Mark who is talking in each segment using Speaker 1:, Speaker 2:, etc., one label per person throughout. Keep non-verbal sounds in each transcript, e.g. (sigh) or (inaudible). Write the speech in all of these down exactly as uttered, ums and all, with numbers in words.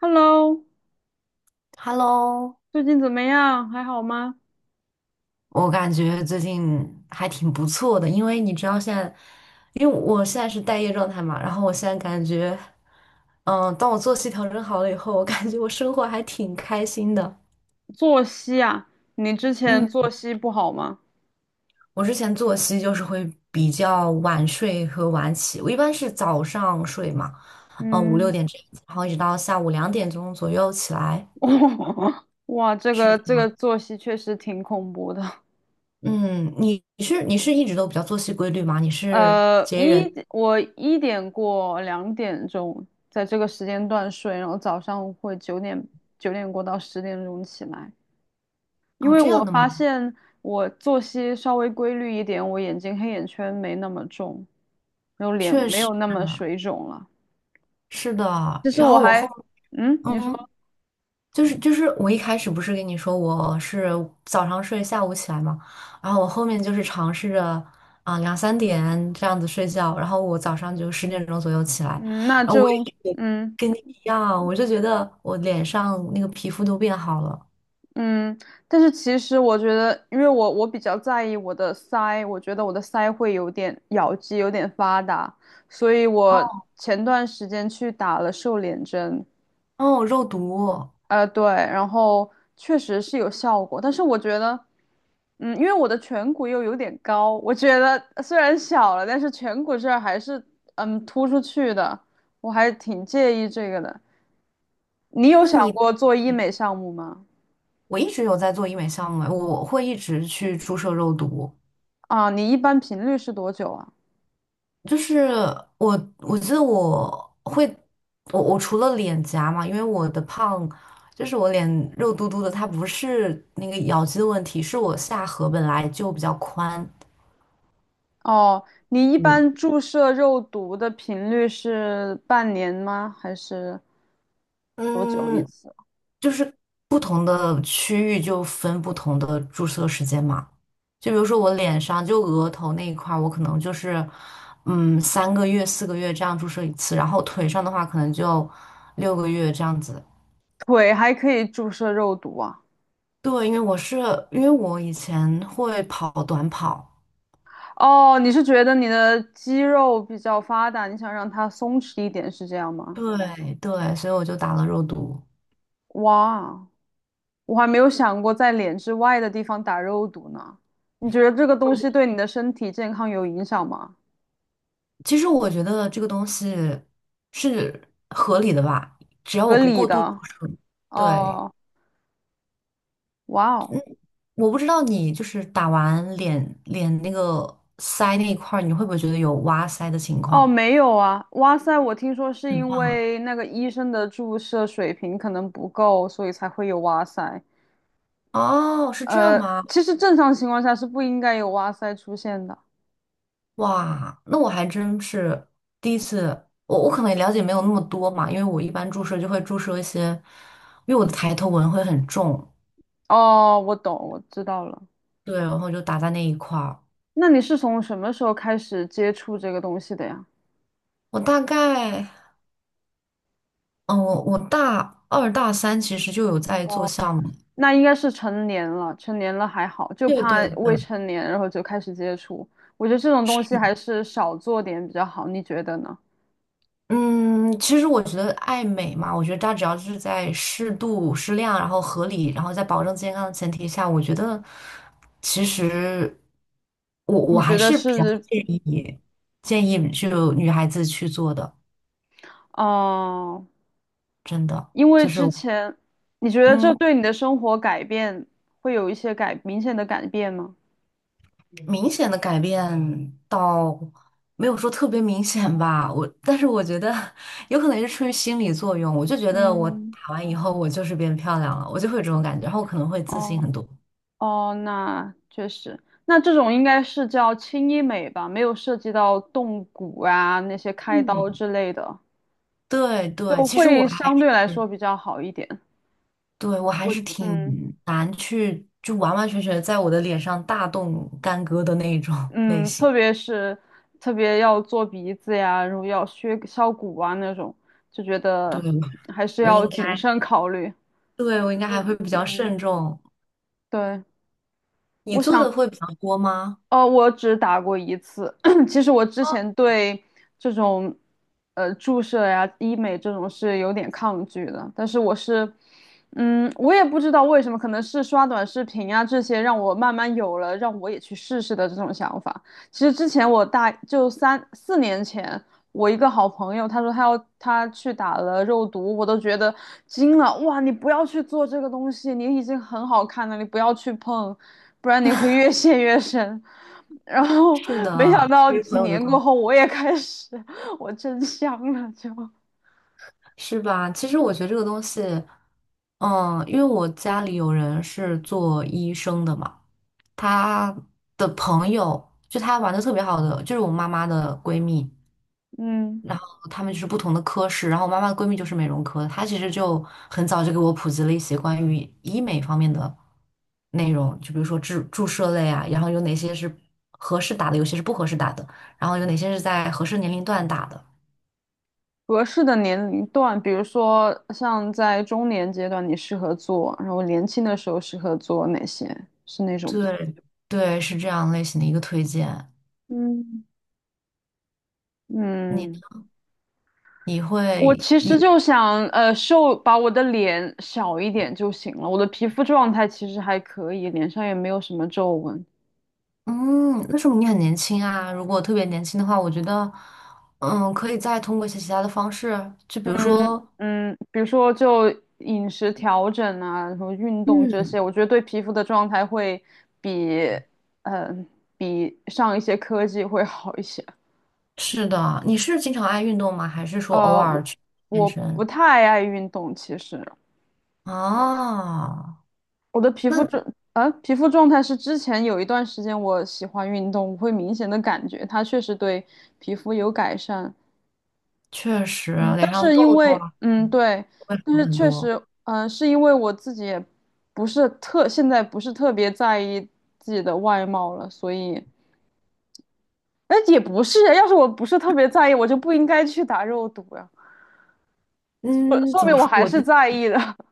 Speaker 1: Hello，
Speaker 2: Hello，
Speaker 1: 最近怎么样？还好吗？
Speaker 2: 我感觉最近还挺不错的，因为你知道现在，因为我现在是待业状态嘛，然后我现在感觉，嗯，当我作息调整好了以后，我感觉我生活还挺开心的。
Speaker 1: 作息啊，你之前
Speaker 2: 嗯，
Speaker 1: 作息不好吗？
Speaker 2: 我之前作息就是会比较晚睡和晚起，我一般是早上睡嘛，呃，五六
Speaker 1: 嗯，
Speaker 2: 点这样子然后一直到下午两点钟左右起来。
Speaker 1: (laughs) 哇，这
Speaker 2: 是
Speaker 1: 个
Speaker 2: 这
Speaker 1: 这个
Speaker 2: 样。
Speaker 1: 作息确实挺恐怖的。
Speaker 2: 嗯，你你是你是一直都比较作息规律吗？你是
Speaker 1: 呃，
Speaker 2: 节
Speaker 1: 一
Speaker 2: 人
Speaker 1: 我一点过两点钟在这个时间段睡，然后早上会九点九点过到十点钟起来，因
Speaker 2: 哦
Speaker 1: 为
Speaker 2: 这样
Speaker 1: 我
Speaker 2: 的吗？
Speaker 1: 发现我作息稍微规律一点，我眼睛黑眼圈没那么重，然后脸
Speaker 2: 确
Speaker 1: 没
Speaker 2: 实
Speaker 1: 有那么水肿了。
Speaker 2: 是的。
Speaker 1: 其实
Speaker 2: 然
Speaker 1: 我
Speaker 2: 后我后，
Speaker 1: 还，嗯，你
Speaker 2: 嗯，
Speaker 1: 说，
Speaker 2: 就是就是我一开始不是跟你说我是早上睡，下午起来嘛，然后我后面就是尝试着啊、两三点这样子睡觉，然后我早上就十点钟左右起来，
Speaker 1: 嗯，那
Speaker 2: 然后我
Speaker 1: 就，
Speaker 2: 也
Speaker 1: 嗯
Speaker 2: 跟你一样，我就觉得我脸上那个皮肤都变好了。
Speaker 1: 嗯，但是其实我觉得，因为我我比较在意我的腮，我觉得我的腮会有点咬肌有点发达，所以
Speaker 2: 哦，
Speaker 1: 我前段时间去打了瘦脸针，
Speaker 2: 哦，肉毒，
Speaker 1: 呃，对，然后确实是有效果，但是我觉得，嗯，因为我的颧骨又有点高，我觉得虽然小了，但是颧骨这儿还是嗯突出去的，我还挺介意这个的。你有
Speaker 2: 那
Speaker 1: 想
Speaker 2: 你
Speaker 1: 过做医美项目吗？
Speaker 2: 我一直有在做医美项目哎，我会一直去注射肉毒。
Speaker 1: 啊，你一般频率是多久啊？
Speaker 2: 就是我，我记得我会，我我除了脸颊嘛，因为我的胖，就是我脸肉嘟嘟的，它不是那个咬肌的问题，是我下颌本来就比较宽，
Speaker 1: 哦，你一
Speaker 2: 嗯，
Speaker 1: 般注射肉毒的频率是半年吗？还是多久一
Speaker 2: 嗯，
Speaker 1: 次？
Speaker 2: 就是不同的区域就分不同的注射时间嘛，就比如说我脸上就额头那一块儿我可能就是，嗯，三个月、四个月这样注射一次，然后腿上的话可能就六个月这样子。
Speaker 1: 腿还可以注射肉毒啊？
Speaker 2: 对，因为我是因为我以前会跑短跑，
Speaker 1: 哦，你是觉得你的肌肉比较发达，你想让它松弛一点，是这样吗？
Speaker 2: 对对，所以我就打了肉毒。
Speaker 1: 哇，我还没有想过在脸之外的地方打肉毒呢。你觉得这个东西对你的身体健康有影响吗？
Speaker 2: 其实我觉得这个东西是合理的吧，只要我
Speaker 1: 合
Speaker 2: 不
Speaker 1: 理
Speaker 2: 过度注
Speaker 1: 的。
Speaker 2: 射对，
Speaker 1: 哦，哇
Speaker 2: 嗯，
Speaker 1: 哦，
Speaker 2: 我不知道你就是打完脸脸那个腮那一块儿，你会不会觉得有挖腮的情
Speaker 1: 哦，
Speaker 2: 况？
Speaker 1: 没有啊。哇塞，我听说是
Speaker 2: 很
Speaker 1: 因
Speaker 2: 棒
Speaker 1: 为那个医生的注射水平可能不够，所以才会有哇塞。
Speaker 2: 哦，是这样
Speaker 1: 呃，
Speaker 2: 吗？
Speaker 1: 其实正常情况下是不应该有哇塞出现的。
Speaker 2: 哇，那我还真是第一次，我我可能也了解没有那么多嘛，因为我一般注射就会注射一些，因为我的抬头纹会很重，
Speaker 1: 哦，我懂，我知道了。
Speaker 2: 对，然后就打在那一块儿。
Speaker 1: 那你是从什么时候开始接触这个东西的呀？
Speaker 2: 我大概，嗯，我我大二大三其实就有在做
Speaker 1: 哦，
Speaker 2: 项目，
Speaker 1: 那应该是成年了，成年了还好，就
Speaker 2: 对
Speaker 1: 怕
Speaker 2: 对
Speaker 1: 未
Speaker 2: 对，
Speaker 1: 成年然后就开始接触。我觉得这种东西
Speaker 2: 是。
Speaker 1: 还是少做点比较好，你觉得呢？
Speaker 2: 嗯，其实我觉得爱美嘛，我觉得它只要是在适度、适量，然后合理，然后在保证健康的前提下，我觉得其实我我
Speaker 1: 你觉
Speaker 2: 还
Speaker 1: 得
Speaker 2: 是比较
Speaker 1: 是，
Speaker 2: 建议建议就女孩子去做的，
Speaker 1: 嗯、
Speaker 2: 真的
Speaker 1: 因为
Speaker 2: 就是
Speaker 1: 之前你觉得这
Speaker 2: 嗯，
Speaker 1: 对你的生活改变会有一些改明显的改变吗？
Speaker 2: 明显的改变倒没有说特别明显吧，我但是我觉得 (laughs) 有可能是出于心理作用，我就觉得我
Speaker 1: 嗯，
Speaker 2: 打完以后我就是变漂亮了，我就会有这种感觉，然后我可能会自信
Speaker 1: 哦。
Speaker 2: 很多。
Speaker 1: 哦，那确实，那这种应该是叫轻医美吧，没有涉及到动骨啊那些开刀
Speaker 2: 嗯。
Speaker 1: 之类的，
Speaker 2: 对对，
Speaker 1: 就
Speaker 2: 其实我
Speaker 1: 会
Speaker 2: 还
Speaker 1: 相
Speaker 2: 是
Speaker 1: 对来说比较好一点。
Speaker 2: 对我还
Speaker 1: 我
Speaker 2: 是挺
Speaker 1: 嗯
Speaker 2: 难去就完完全全在我的脸上大动干戈的那种 (laughs) 类
Speaker 1: 嗯，
Speaker 2: 型。
Speaker 1: 特别是特别要做鼻子呀，然后要削削骨啊那种，就觉
Speaker 2: 对，
Speaker 1: 得还是
Speaker 2: 我
Speaker 1: 要
Speaker 2: 应
Speaker 1: 谨
Speaker 2: 该，
Speaker 1: 慎考虑。
Speaker 2: 对我应该还会
Speaker 1: 嗯，
Speaker 2: 比较
Speaker 1: 嗯，
Speaker 2: 慎重。
Speaker 1: 对，
Speaker 2: 你
Speaker 1: 我
Speaker 2: 做
Speaker 1: 想
Speaker 2: 的会比较多吗？
Speaker 1: 哦，我只打过一次。(clears throat) 其实我之前对这种呃注射呀、医美这种是有点抗拒的，但是我是，嗯，我也不知道为什么，可能是刷短视频呀这些让我慢慢有了让我也去试试的这种想法。其实之前我大就三四年前，我一个好朋友，他说他要他去打了肉毒，我都觉得惊了。哇，你不要去做这个东西，你已经很好看了，你不要去碰，不然你会越陷越深。然后
Speaker 2: 是
Speaker 1: 没想
Speaker 2: 的，
Speaker 1: 到
Speaker 2: 对于朋
Speaker 1: 几
Speaker 2: 友的
Speaker 1: 年
Speaker 2: 关
Speaker 1: 过
Speaker 2: 系，
Speaker 1: 后，我也开始，我真香了，就
Speaker 2: 是吧？其实我觉得这个东西，嗯，因为我家里有人是做医生的嘛，他的朋友就他玩的特别好的，就是我妈妈的闺蜜。
Speaker 1: 嗯，
Speaker 2: 然后他们就是不同的科室，然后我妈妈的闺蜜就是美容科的，她其实就很早就给我普及了一些关于医美方面的内容，就比如说注注射类啊，然后有哪些是合适打的，有些是不合适打的，然后有哪些是在合适年龄段打的。
Speaker 1: 合适的年龄段，比如说像在中年阶段，你适合做，然后年轻的时候适合做哪些？是那种吗？
Speaker 2: 对对，是这样类型的一个推荐。
Speaker 1: 嗯，
Speaker 2: 你呢
Speaker 1: 嗯，
Speaker 2: 你
Speaker 1: 我
Speaker 2: 会
Speaker 1: 其实
Speaker 2: 你
Speaker 1: 就想，呃，瘦，把我的脸小一点就行了。我的皮肤状态其实还可以，脸上也没有什么皱纹。
Speaker 2: 嗯，那说明你很年轻啊。如果特别年轻的话，我觉得嗯，可以再通过一些其他的方式，就比如
Speaker 1: 嗯
Speaker 2: 说。
Speaker 1: 嗯，比如说就饮食调整啊，然后运动这
Speaker 2: 嗯，
Speaker 1: 些，我觉得对皮肤的状态会比，嗯，比上一些科技会好一些。
Speaker 2: 是的，你是经常爱运动吗？还是说偶
Speaker 1: 呃，
Speaker 2: 尔
Speaker 1: 我
Speaker 2: 去健
Speaker 1: 我不
Speaker 2: 身？
Speaker 1: 太爱运动，其实，
Speaker 2: 啊？
Speaker 1: 我的皮
Speaker 2: 那
Speaker 1: 肤状啊，皮肤状态是之前有一段时间我喜欢运动，我会明显的感觉它确实对皮肤有改善。
Speaker 2: 确实
Speaker 1: 嗯，
Speaker 2: 脸
Speaker 1: 但
Speaker 2: 上
Speaker 1: 是因
Speaker 2: 痘痘
Speaker 1: 为
Speaker 2: 啊
Speaker 1: 嗯对，
Speaker 2: 会
Speaker 1: 但
Speaker 2: 好
Speaker 1: 是
Speaker 2: 很
Speaker 1: 确实
Speaker 2: 多。
Speaker 1: 嗯、呃是因为我自己也不是特现在不是特别在意自己的外貌了，所以哎也不是啊，要是我不是特别在意，我就不应该去打肉毒呀，说
Speaker 2: 嗯，
Speaker 1: 说
Speaker 2: 怎
Speaker 1: 明
Speaker 2: 么
Speaker 1: 我
Speaker 2: 说？
Speaker 1: 还
Speaker 2: 我
Speaker 1: 是
Speaker 2: 觉得
Speaker 1: 在意的 (laughs)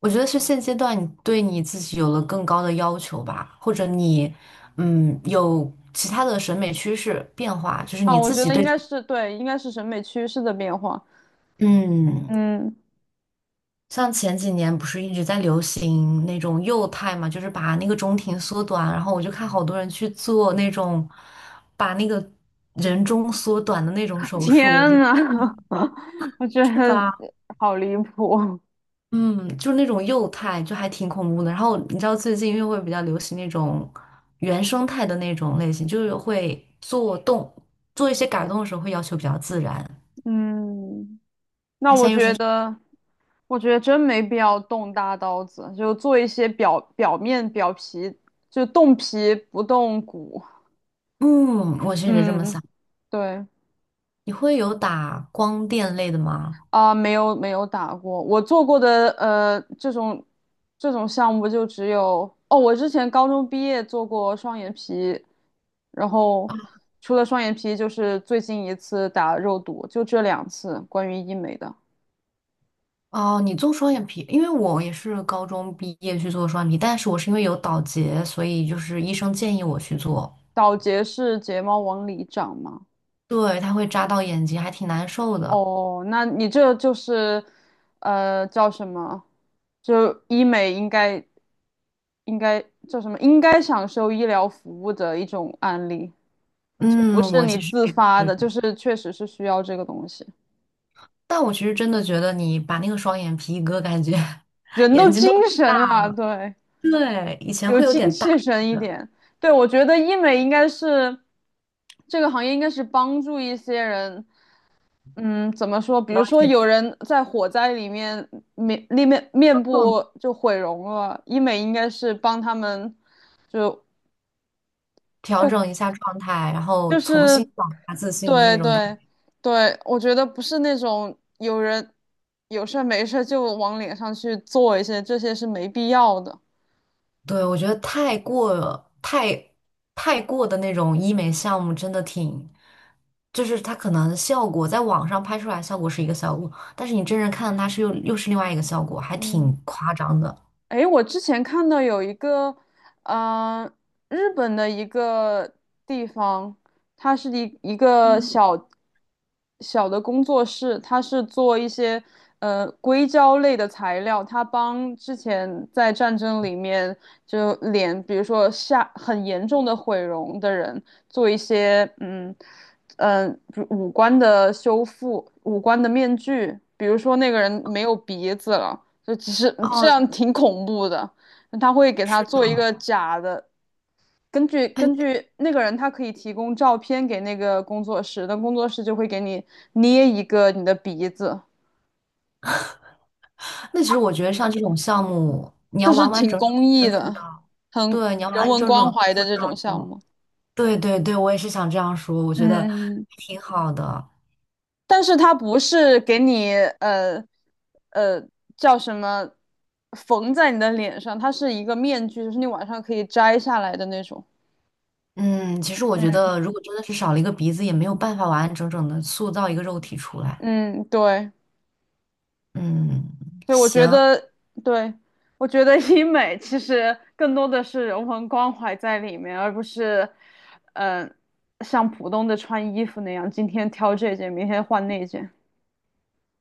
Speaker 2: 我觉得是现阶段你对你自己有了更高的要求吧，或者你，嗯，有其他的审美趋势变化，就是
Speaker 1: 啊。
Speaker 2: 你
Speaker 1: 我
Speaker 2: 自
Speaker 1: 觉
Speaker 2: 己
Speaker 1: 得应
Speaker 2: 对，
Speaker 1: 该是对，应该是审美趋势的变化。
Speaker 2: 嗯，
Speaker 1: 嗯，
Speaker 2: 像前几年不是一直在流行那种幼态嘛，就是把那个中庭缩短，然后我就看好多人去做那种把那个人中缩短的那种
Speaker 1: (laughs)
Speaker 2: 手术，我觉
Speaker 1: 天
Speaker 2: 得
Speaker 1: 呐，(laughs) 我觉
Speaker 2: 是
Speaker 1: 得
Speaker 2: 吧？
Speaker 1: 好离谱。
Speaker 2: 嗯，就是那种幼态，就还挺恐怖的。然后你知道最近因为会比较流行那种原生态的那种类型，就是会做动做一些改动的时候会要求比较自然。
Speaker 1: 嗯，那
Speaker 2: 他现
Speaker 1: 我
Speaker 2: 在又是，
Speaker 1: 觉得，我觉得真没必要动大刀子，就做一些表表面表皮，就动皮不动骨。
Speaker 2: 嗯，我确实这么
Speaker 1: 嗯，
Speaker 2: 想。
Speaker 1: 对。
Speaker 2: 你会有打光电类的吗？
Speaker 1: 啊，没有没有打过，我做过的呃这种这种项目就只有哦，我之前高中毕业做过双眼皮，然后除了双眼皮就是最近一次打肉毒，就这两次关于医美的。
Speaker 2: 哦，你做双眼皮，因为我也是高中毕业去做双眼皮，但是我是因为有倒睫，所以就是医生建议我去做，
Speaker 1: 倒睫是睫毛往里长吗？
Speaker 2: 对，它会扎到眼睛，还挺难受的。
Speaker 1: 哦，那你这就是呃叫什么？就医美应该应该叫什么？应该享受医疗服务的一种案例。就不
Speaker 2: 嗯，
Speaker 1: 是
Speaker 2: 我
Speaker 1: 你
Speaker 2: 其实
Speaker 1: 自
Speaker 2: 也
Speaker 1: 发的，
Speaker 2: 是，
Speaker 1: 就是确实是需要这个东西。
Speaker 2: 但我其实真的觉得你把那个双眼皮一割，感觉 (laughs)
Speaker 1: 人
Speaker 2: 眼
Speaker 1: 都
Speaker 2: 睛都
Speaker 1: 精
Speaker 2: 大，
Speaker 1: 神了，对，
Speaker 2: 对，以前
Speaker 1: 有
Speaker 2: 会有
Speaker 1: 精
Speaker 2: 点
Speaker 1: 气
Speaker 2: 大，
Speaker 1: 神一点。对，我觉得医美应该是这个行业，应该是帮助一些人。嗯，怎么说？比
Speaker 2: 然
Speaker 1: 如
Speaker 2: 后
Speaker 1: 说
Speaker 2: 也调
Speaker 1: 有人在火灾里面面面面
Speaker 2: 整
Speaker 1: 部就毁容了，医美应该是帮他们就
Speaker 2: 调
Speaker 1: 就
Speaker 2: 整一下状态，然后
Speaker 1: 就
Speaker 2: 重新
Speaker 1: 是
Speaker 2: 找回自信的那
Speaker 1: 对
Speaker 2: 种感觉。
Speaker 1: 对对，我觉得不是那种有人有事儿没事儿就往脸上去做一些，这些是没必要的。
Speaker 2: 对，我觉得太过太太过的那种医美项目真的挺，就是它可能效果在网上拍出来效果是一个效果，但是你真人看它是又又是另外一个效果，还
Speaker 1: 嗯。
Speaker 2: 挺夸张的。
Speaker 1: 诶，我之前看到有一个，嗯、日本的一个地方，它是一一个小小的工作室，它是做一些呃硅胶类的材料，它帮之前在战争里面就脸，比如说下很严重的毁容的人做一些嗯嗯、呃比如五官的修复，五官的面具，比如说那个人没有鼻子了。就只是这样
Speaker 2: 哦，
Speaker 1: 挺恐怖的。他会给他
Speaker 2: 是的，
Speaker 1: 做一个假的，根据
Speaker 2: 哎，
Speaker 1: 根据那个人，他可以提供照片给那个工作室，那工作室就会给你捏一个你的鼻子，
Speaker 2: 那其实我觉得像这种项目，你要
Speaker 1: 就是
Speaker 2: 完完
Speaker 1: 挺
Speaker 2: 整整
Speaker 1: 公
Speaker 2: 地
Speaker 1: 益
Speaker 2: 恢复
Speaker 1: 的，
Speaker 2: 到，
Speaker 1: 很
Speaker 2: 对，你要完
Speaker 1: 人
Speaker 2: 完
Speaker 1: 文
Speaker 2: 整整
Speaker 1: 关
Speaker 2: 的恢
Speaker 1: 怀的
Speaker 2: 复
Speaker 1: 这
Speaker 2: 到，
Speaker 1: 种项目。
Speaker 2: 对对对，我也是想这样说，我觉得
Speaker 1: 嗯，嗯嗯
Speaker 2: 挺好的。
Speaker 1: 但是他不是给你呃呃叫什么缝在你的脸上，它是一个面具，就是你晚上可以摘下来的那种。
Speaker 2: 嗯，其实我觉
Speaker 1: 嗯
Speaker 2: 得，如果真的是少了一个鼻子，也没有办法完完整整的塑造一个肉体出来。
Speaker 1: 嗯，对。
Speaker 2: 嗯，
Speaker 1: 对，我觉
Speaker 2: 行，
Speaker 1: 得，对，我觉得医美其实更多的是人文关怀在里面，而不是，嗯、像普通的穿衣服那样，今天挑这件，明天换那件。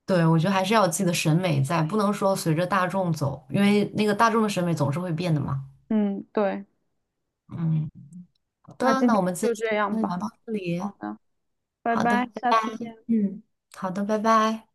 Speaker 2: 对，我觉得还是要有自己的审美在，不能说随着大众走，因为那个大众的审美总是会变的嘛。
Speaker 1: 嗯，对，
Speaker 2: 嗯，好
Speaker 1: 那
Speaker 2: 的，
Speaker 1: 今
Speaker 2: 那
Speaker 1: 天
Speaker 2: 我们今
Speaker 1: 就
Speaker 2: 天
Speaker 1: 这样
Speaker 2: 先聊
Speaker 1: 吧。
Speaker 2: 到这里。
Speaker 1: 好的，拜
Speaker 2: 好
Speaker 1: 拜，
Speaker 2: 的，
Speaker 1: 下次见。
Speaker 2: 嗯，好的，拜拜。